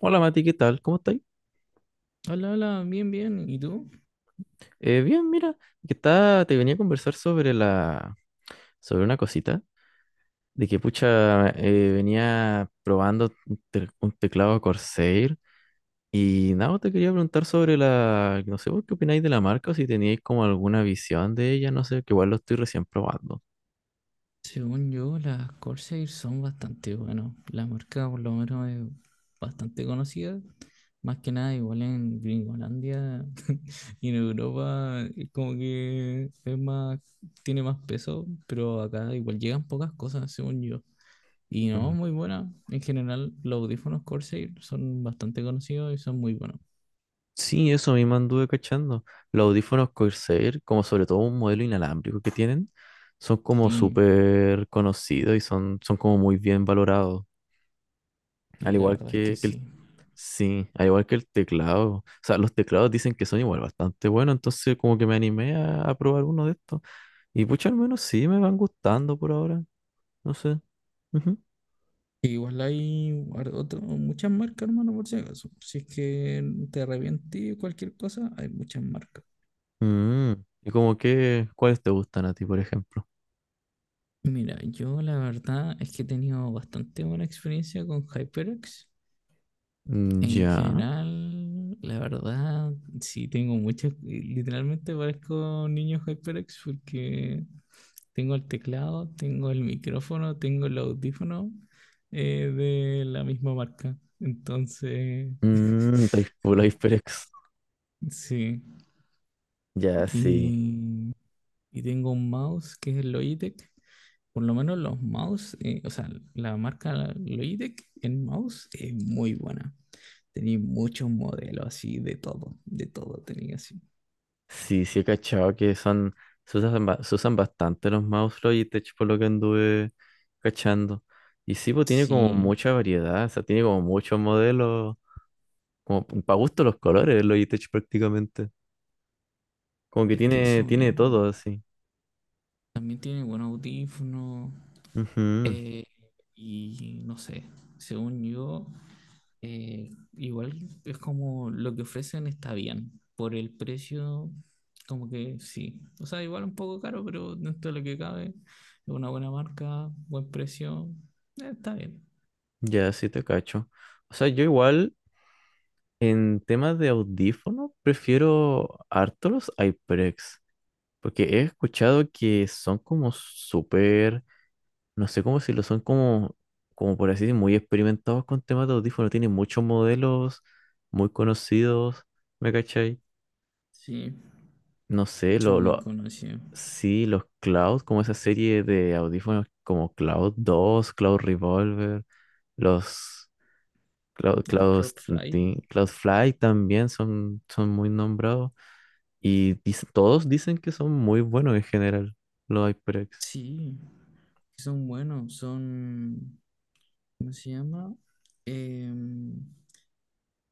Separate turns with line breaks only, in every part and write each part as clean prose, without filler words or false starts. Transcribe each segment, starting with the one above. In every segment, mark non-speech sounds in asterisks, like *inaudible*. Hola Mati, ¿qué tal? ¿Cómo estáis?
Hola, hola, bien, bien. ¿Y tú?
Bien, mira, que está, te venía a conversar sobre una cosita, de que pucha, venía probando un teclado Corsair y nada, te quería preguntar sobre la, no sé, vos ¿qué opináis de la marca? O si teníais como alguna visión de ella, no sé, que igual lo estoy recién probando.
Según yo, las Corsair son bastante buenas. La marca por lo menos es bastante conocida. Más que nada, igual en Gringolandia *laughs* y en Europa, es como que es más, tiene más peso, pero acá igual llegan pocas cosas, según yo. Y no,
Mm,
muy buena. En general, los audífonos Corsair son bastante conocidos y son muy buenos.
sí, eso mismo anduve cachando. Los audífonos Corsair, como sobre todo un modelo inalámbrico que tienen, son como
Sí,
súper conocidos y son como muy bien valorados. Al
sí, la
igual
verdad es que
que el,
sí.
sí, al igual que el teclado. O sea, los teclados dicen que son igual bastante buenos, entonces como que me animé a probar uno de estos. Y pucha, al menos sí me van gustando por ahora. No sé. Ujú.
Igual hay muchas marcas, hermano, por si acaso. Si es que te arrepentí o cualquier cosa, hay muchas marcas.
Mm. Y como que, ¿cuáles te gustan a ti, por ejemplo?
Mira, yo la verdad es que he tenido bastante buena experiencia con HyperX.
Mm.
En
Ya.
general, la verdad, sí tengo muchas. Literalmente parezco niño HyperX porque tengo el teclado, tengo el micrófono, tengo el audífono, de la misma marca. Entonces,
Mm, type full HyperX.
sí.
Ya, sí.
Y y tengo un mouse que es el Logitech. Por lo menos los mouse, o sea, la marca Logitech en mouse es muy buena. Tenía muchos modelos así, de todo tenía así.
Sí, sí he cachado que son, se usan, ba- se usan bastante los mouse y Logitech por lo que anduve cachando. Y sí, pues tiene como
Sí,
mucha variedad, o sea, tiene como muchos modelos, como para gusto los colores el Logitech prácticamente. Como que
es que
tiene,
eso
tiene todo
mismo.
así.
También tiene buenos audífonos.
Ujú.
Eh, y no sé, según yo, igual es como lo que ofrecen está bien. Por el precio, como que sí. O sea, igual un poco caro, pero dentro de lo que cabe, es una buena marca, buen precio, está bien.
Ya, sí te cacho. O sea, yo igual en temas de audífono prefiero harto los HyperX, porque he escuchado que son como súper no sé cómo decirlo, son como por así decir, muy experimentados con temas de audífonos, tienen muchos modelos muy conocidos, ¿me cachai?
Sí,
No sé,
son muy conocidos.
sí, los Cloud, como esa serie de audífonos como Cloud 2 Cloud Revolver, los Cloud,
Los
Cloud,
Cloudfly,
Sting- Cloud Fly también son muy nombrados y todos dicen que son muy buenos en general, los HyperX.
sí, son buenos, son, ¿cómo se llama? Em,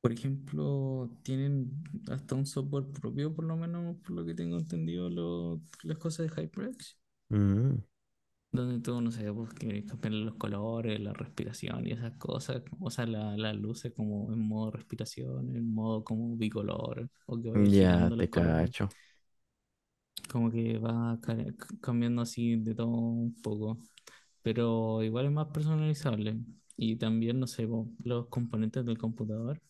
Por ejemplo, tienen hasta un software propio, por lo menos por lo que tengo entendido, las cosas de HyperX,
Mm,
donde tú, no sé, pues, quieres cambiarle los colores, la respiración y esas cosas, o sea, las luces como en modo respiración, en modo como bicolor, o que vaya
ya
girando los
te
colores
cacho.
como que cambiando así de todo un poco, pero igual es más personalizable. Y también, no sé, po, los componentes del computador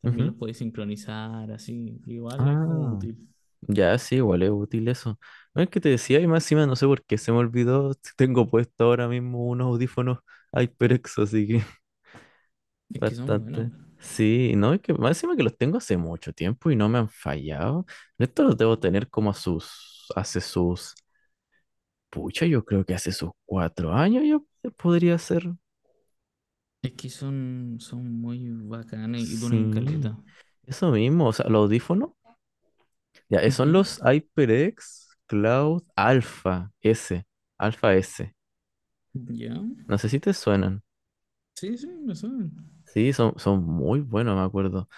también
Ujú.
los podéis sincronizar así, igual es como
Ah.
útil.
Ya, sí, igual es útil eso. No es que te decía, y más encima no sé por qué se me olvidó. *laughs* Si tengo puesto ahora mismo unos audífonos HyperX, así que *laughs*
Es que son buenos,
bastante. Sí, no, es que más encima que los tengo hace mucho tiempo y no me han fallado. Estos los debo tener como a sus, hace sus, pucha, yo creo que hace sus 4 años yo podría ser.
es que son, son muy bacanes y duran caleta.
Sí, eso mismo, o sea, los audífonos, ya, son
Ujú.
los HyperX Cloud Alpha S, Alpha S.
¿Ya?
No sé si te suenan.
Sí, sí, lo saben.
Sí, son muy buenos, me acuerdo.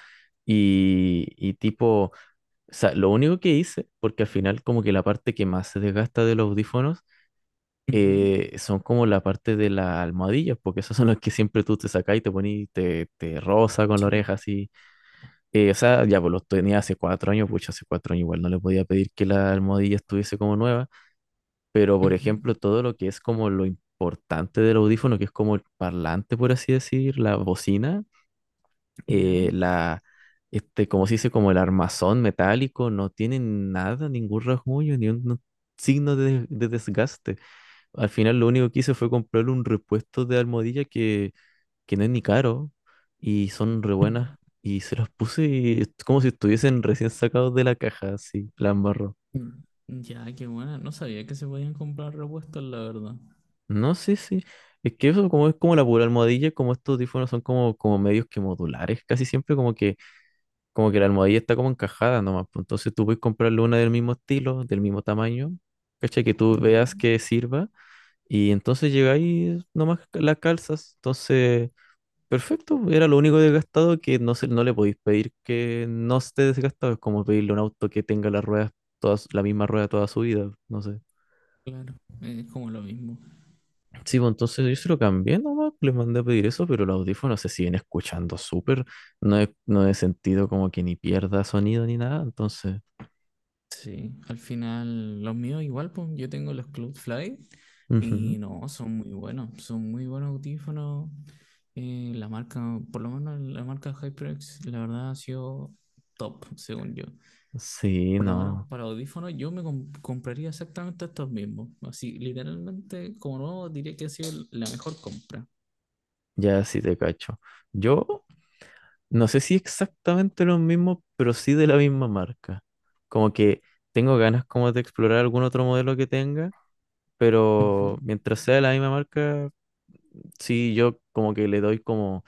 Y tipo, o sea, lo único que hice, porque al final como que la parte que más se desgasta de los audífonos
Ujú.
son como la parte de las almohadillas, porque esas son las que siempre tú te sacas y te pones, te roza con la
Sí, po.
oreja así. O sea, ya pues los tenía hace 4 años, pucha, hace 4 años igual no le podía pedir que la almohadilla estuviese como nueva, pero por ejemplo,
Ujú.
todo lo que es como lo importante del audífono, que es como el parlante, por así decir, la bocina
¿Ya?
la, este, como se dice, como el armazón metálico, no tiene nada, ningún rasguño, ni un no, signo de desgaste. Al final lo único que hice fue comprarle un repuesto de almohadilla que no es ni caro y son re
Mm.
buenas. Y se las puse y es como si estuviesen recién sacados de la caja, así, la embarró.
Mm. Ya, qué buena. No sabía que se podían comprar repuestos, la verdad.
No, sí, sí. Es que eso como es como la pura almohadilla, como estos audífonos son como, como medios que modulares, casi siempre como que la almohadilla está como encajada nomás. Pues, entonces tú puedes comprarle una del mismo estilo, del mismo tamaño, ¿cachai? Que tú
Ya.
veas que sirva. Y entonces llegáis nomás las calzas. Entonces, perfecto. Era lo único desgastado que no le podéis pedir que no esté desgastado. Es como pedirle a un auto que tenga las ruedas, todas, la misma rueda toda su vida. No sé.
Claro, es como lo mismo.
Sí, pues entonces yo se lo cambié nomás. Les mandé a pedir eso, pero los audífonos se siguen escuchando súper. No he sentido como que ni pierda sonido ni nada. Entonces.
Sí, al final los míos igual, pues yo tengo los Cloudflare
Ujú.
y no, son muy buenos audífonos. La marca, por lo menos la marca HyperX, la verdad ha sido top, según yo.
Sí,
Por lo menos
no,
para audífonos yo compraría exactamente estos mismos. Así, literalmente, como nuevo, diría que ha sido la mejor compra.
ya sí te cacho. Yo no sé si exactamente lo mismo, pero sí de la misma marca. Como que tengo ganas como de explorar algún otro modelo que tenga,
Ujú,
pero mientras sea de la misma marca, sí, yo como que le doy como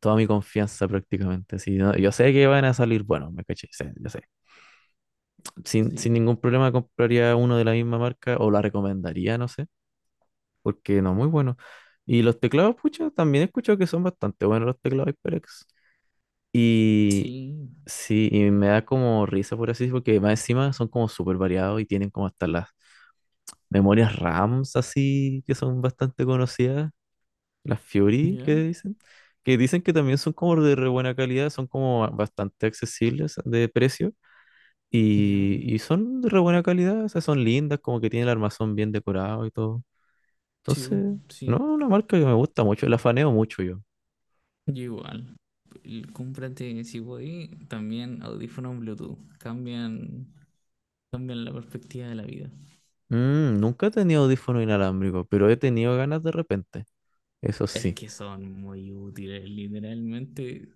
toda mi confianza prácticamente. Sí, no, yo sé que van a salir, bueno, me caché, sé, yo sé. Sin
sí,
ningún problema compraría uno de la misma marca o la recomendaría, no sé, porque no, muy bueno. Y los teclados, pucha, también he escuchado que son bastante buenos los teclados HyperX. Y
sí,
sí, y me da como risa por así, porque más encima son como súper variados y tienen como hasta las memorias RAMs así, que son bastante conocidas, las Fury
ya,
que dicen que también son como de re buena calidad, son como bastante accesibles de precio
ya,
y son de re buena calidad, o sea, son lindas, como que tienen el armazón bien decorado y todo.
sí, bu,
Entonces, no,
sí.
una marca que me gusta mucho, la faneo mucho yo.
Yo igual. Cómprate, si voy, también audífonos Bluetooth. Cambian, cambian la perspectiva de la vida.
Mm, nunca he tenido audífono inalámbrico, pero he tenido ganas de repente. Eso
Es
sí.
que son muy útiles, literalmente.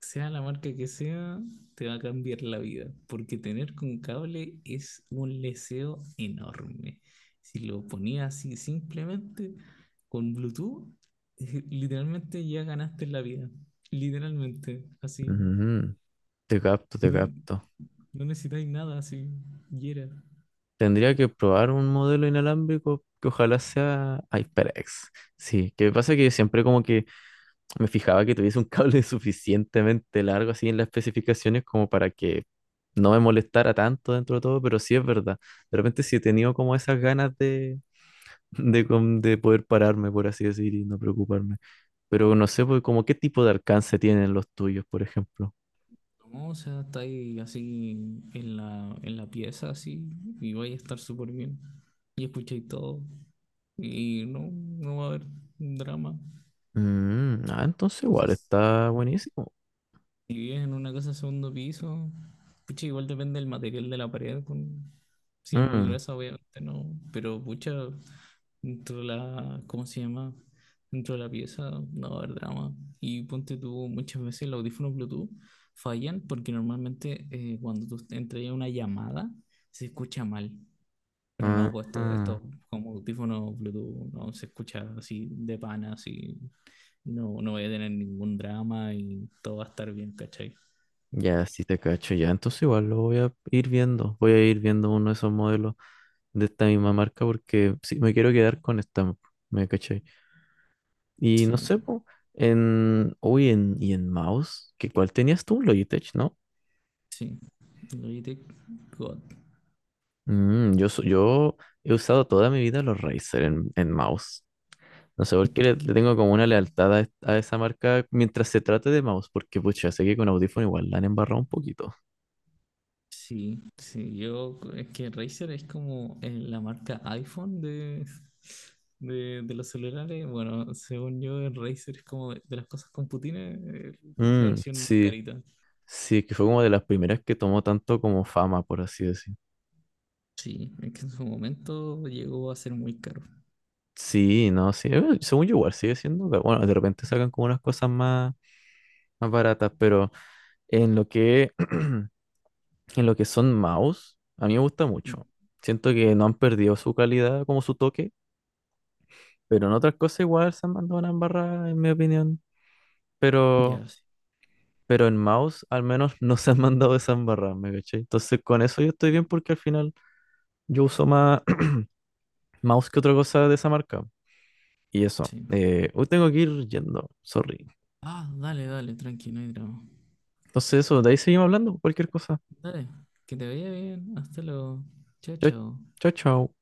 Sea la marca que sea, te va a cambiar la vida. Porque tener con cable es un leseo enorme. Si lo ponías así simplemente con Bluetooth, *laughs* literalmente ya ganaste la vida. Literalmente, así.
Ujú, te capto, te
No,
capto.
no necesitáis nada, así. Y era.
Tendría que probar un modelo inalámbrico que ojalá sea HyperX. Sí, que pasa que siempre como que me fijaba que tuviese un cable *laughs* suficientemente largo así en las especificaciones como para que no me molestara tanto dentro de todo, pero sí es verdad. De repente sí he tenido como esas ganas de poder pararme, por así decir, y no preocuparme. Pero no sé, pues, como qué tipo de alcance tienen los tuyos, por ejemplo.
No, o sea, está ahí así en la pieza, así, y vais a estar súper bien. Y escucháis todo, y no, no va a haber drama.
Mm, ah, entonces igual está buenísimo.
Si vives en una casa de segundo piso, pucha, igual depende del material de la pared. Si es muy
Mm,
gruesa, obviamente no. Pero pucha, dentro de la, ¿cómo se llama? Dentro de la pieza, no va a haber drama. Y ponte tú, muchas veces los audífonos Bluetooth fallan porque normalmente cuando tú entras a una llamada se escucha mal. Pero
ah,
no, pues esto,
ah,
esto como audífonos Bluetooth no se escucha así de pana, así no, no voy a tener ningún drama y todo va a estar bien, ¿cachai?
ya, sí te cacho, ya. Entonces igual lo voy a ir viendo. Voy a ir viendo uno de esos modelos de esta misma marca porque sí, me quiero quedar con esta, me caché. Y no
Sí,
sé, po, ¿Y en mouse? ¿Cuál tenías tú? Logitech, ¿no?
sí. Logitech God
Mm, yo he usado toda mi vida los Razer en mouse. No sé por qué le
Killer.
tengo como una lealtad a esa marca mientras se trate de mouse, porque pucha, sé que con audífono igual la han embarrado un poquito.
Sí, sí. Yo, es que Razer es como la marca iPhone de los celulares. Bueno, según yo, el Razer es como de las cosas con Putines, eh, la
Mm,
versión más
sí,
carita.
sí, que fue como de las primeras que tomó tanto como fama, por así decir.
Sí, es que en su momento llegó a ser muy caro.
Sí, no, sí, según yo igual sigue siendo, pero bueno, de repente sacan como unas cosas más baratas, pero en lo que, *clears throat* en lo que son mouse, a mí me gusta
Mm,
mucho. Siento que no han perdido su calidad como su toque. Pero en otras cosas igual se han mandado una embarrada, en mi opinión. Pero,
ya, sí,
pero en mouse al menos *laughs* no se han mandado esa embarrada, ¿me caché? Entonces con eso yo estoy
sí,
bien porque al final yo uso más *clears throat* mouse que otra cosa de esa marca. Y eso,
sí.
hoy tengo que ir yendo, sorry.
Ah, dale, dale, tranqui, no hay drama.
Entonces eso, de ahí seguimos hablando, cualquier cosa.
Dale, que te vaya bien. Hasta luego. Chao,
Chao,
chao.
chao, chao.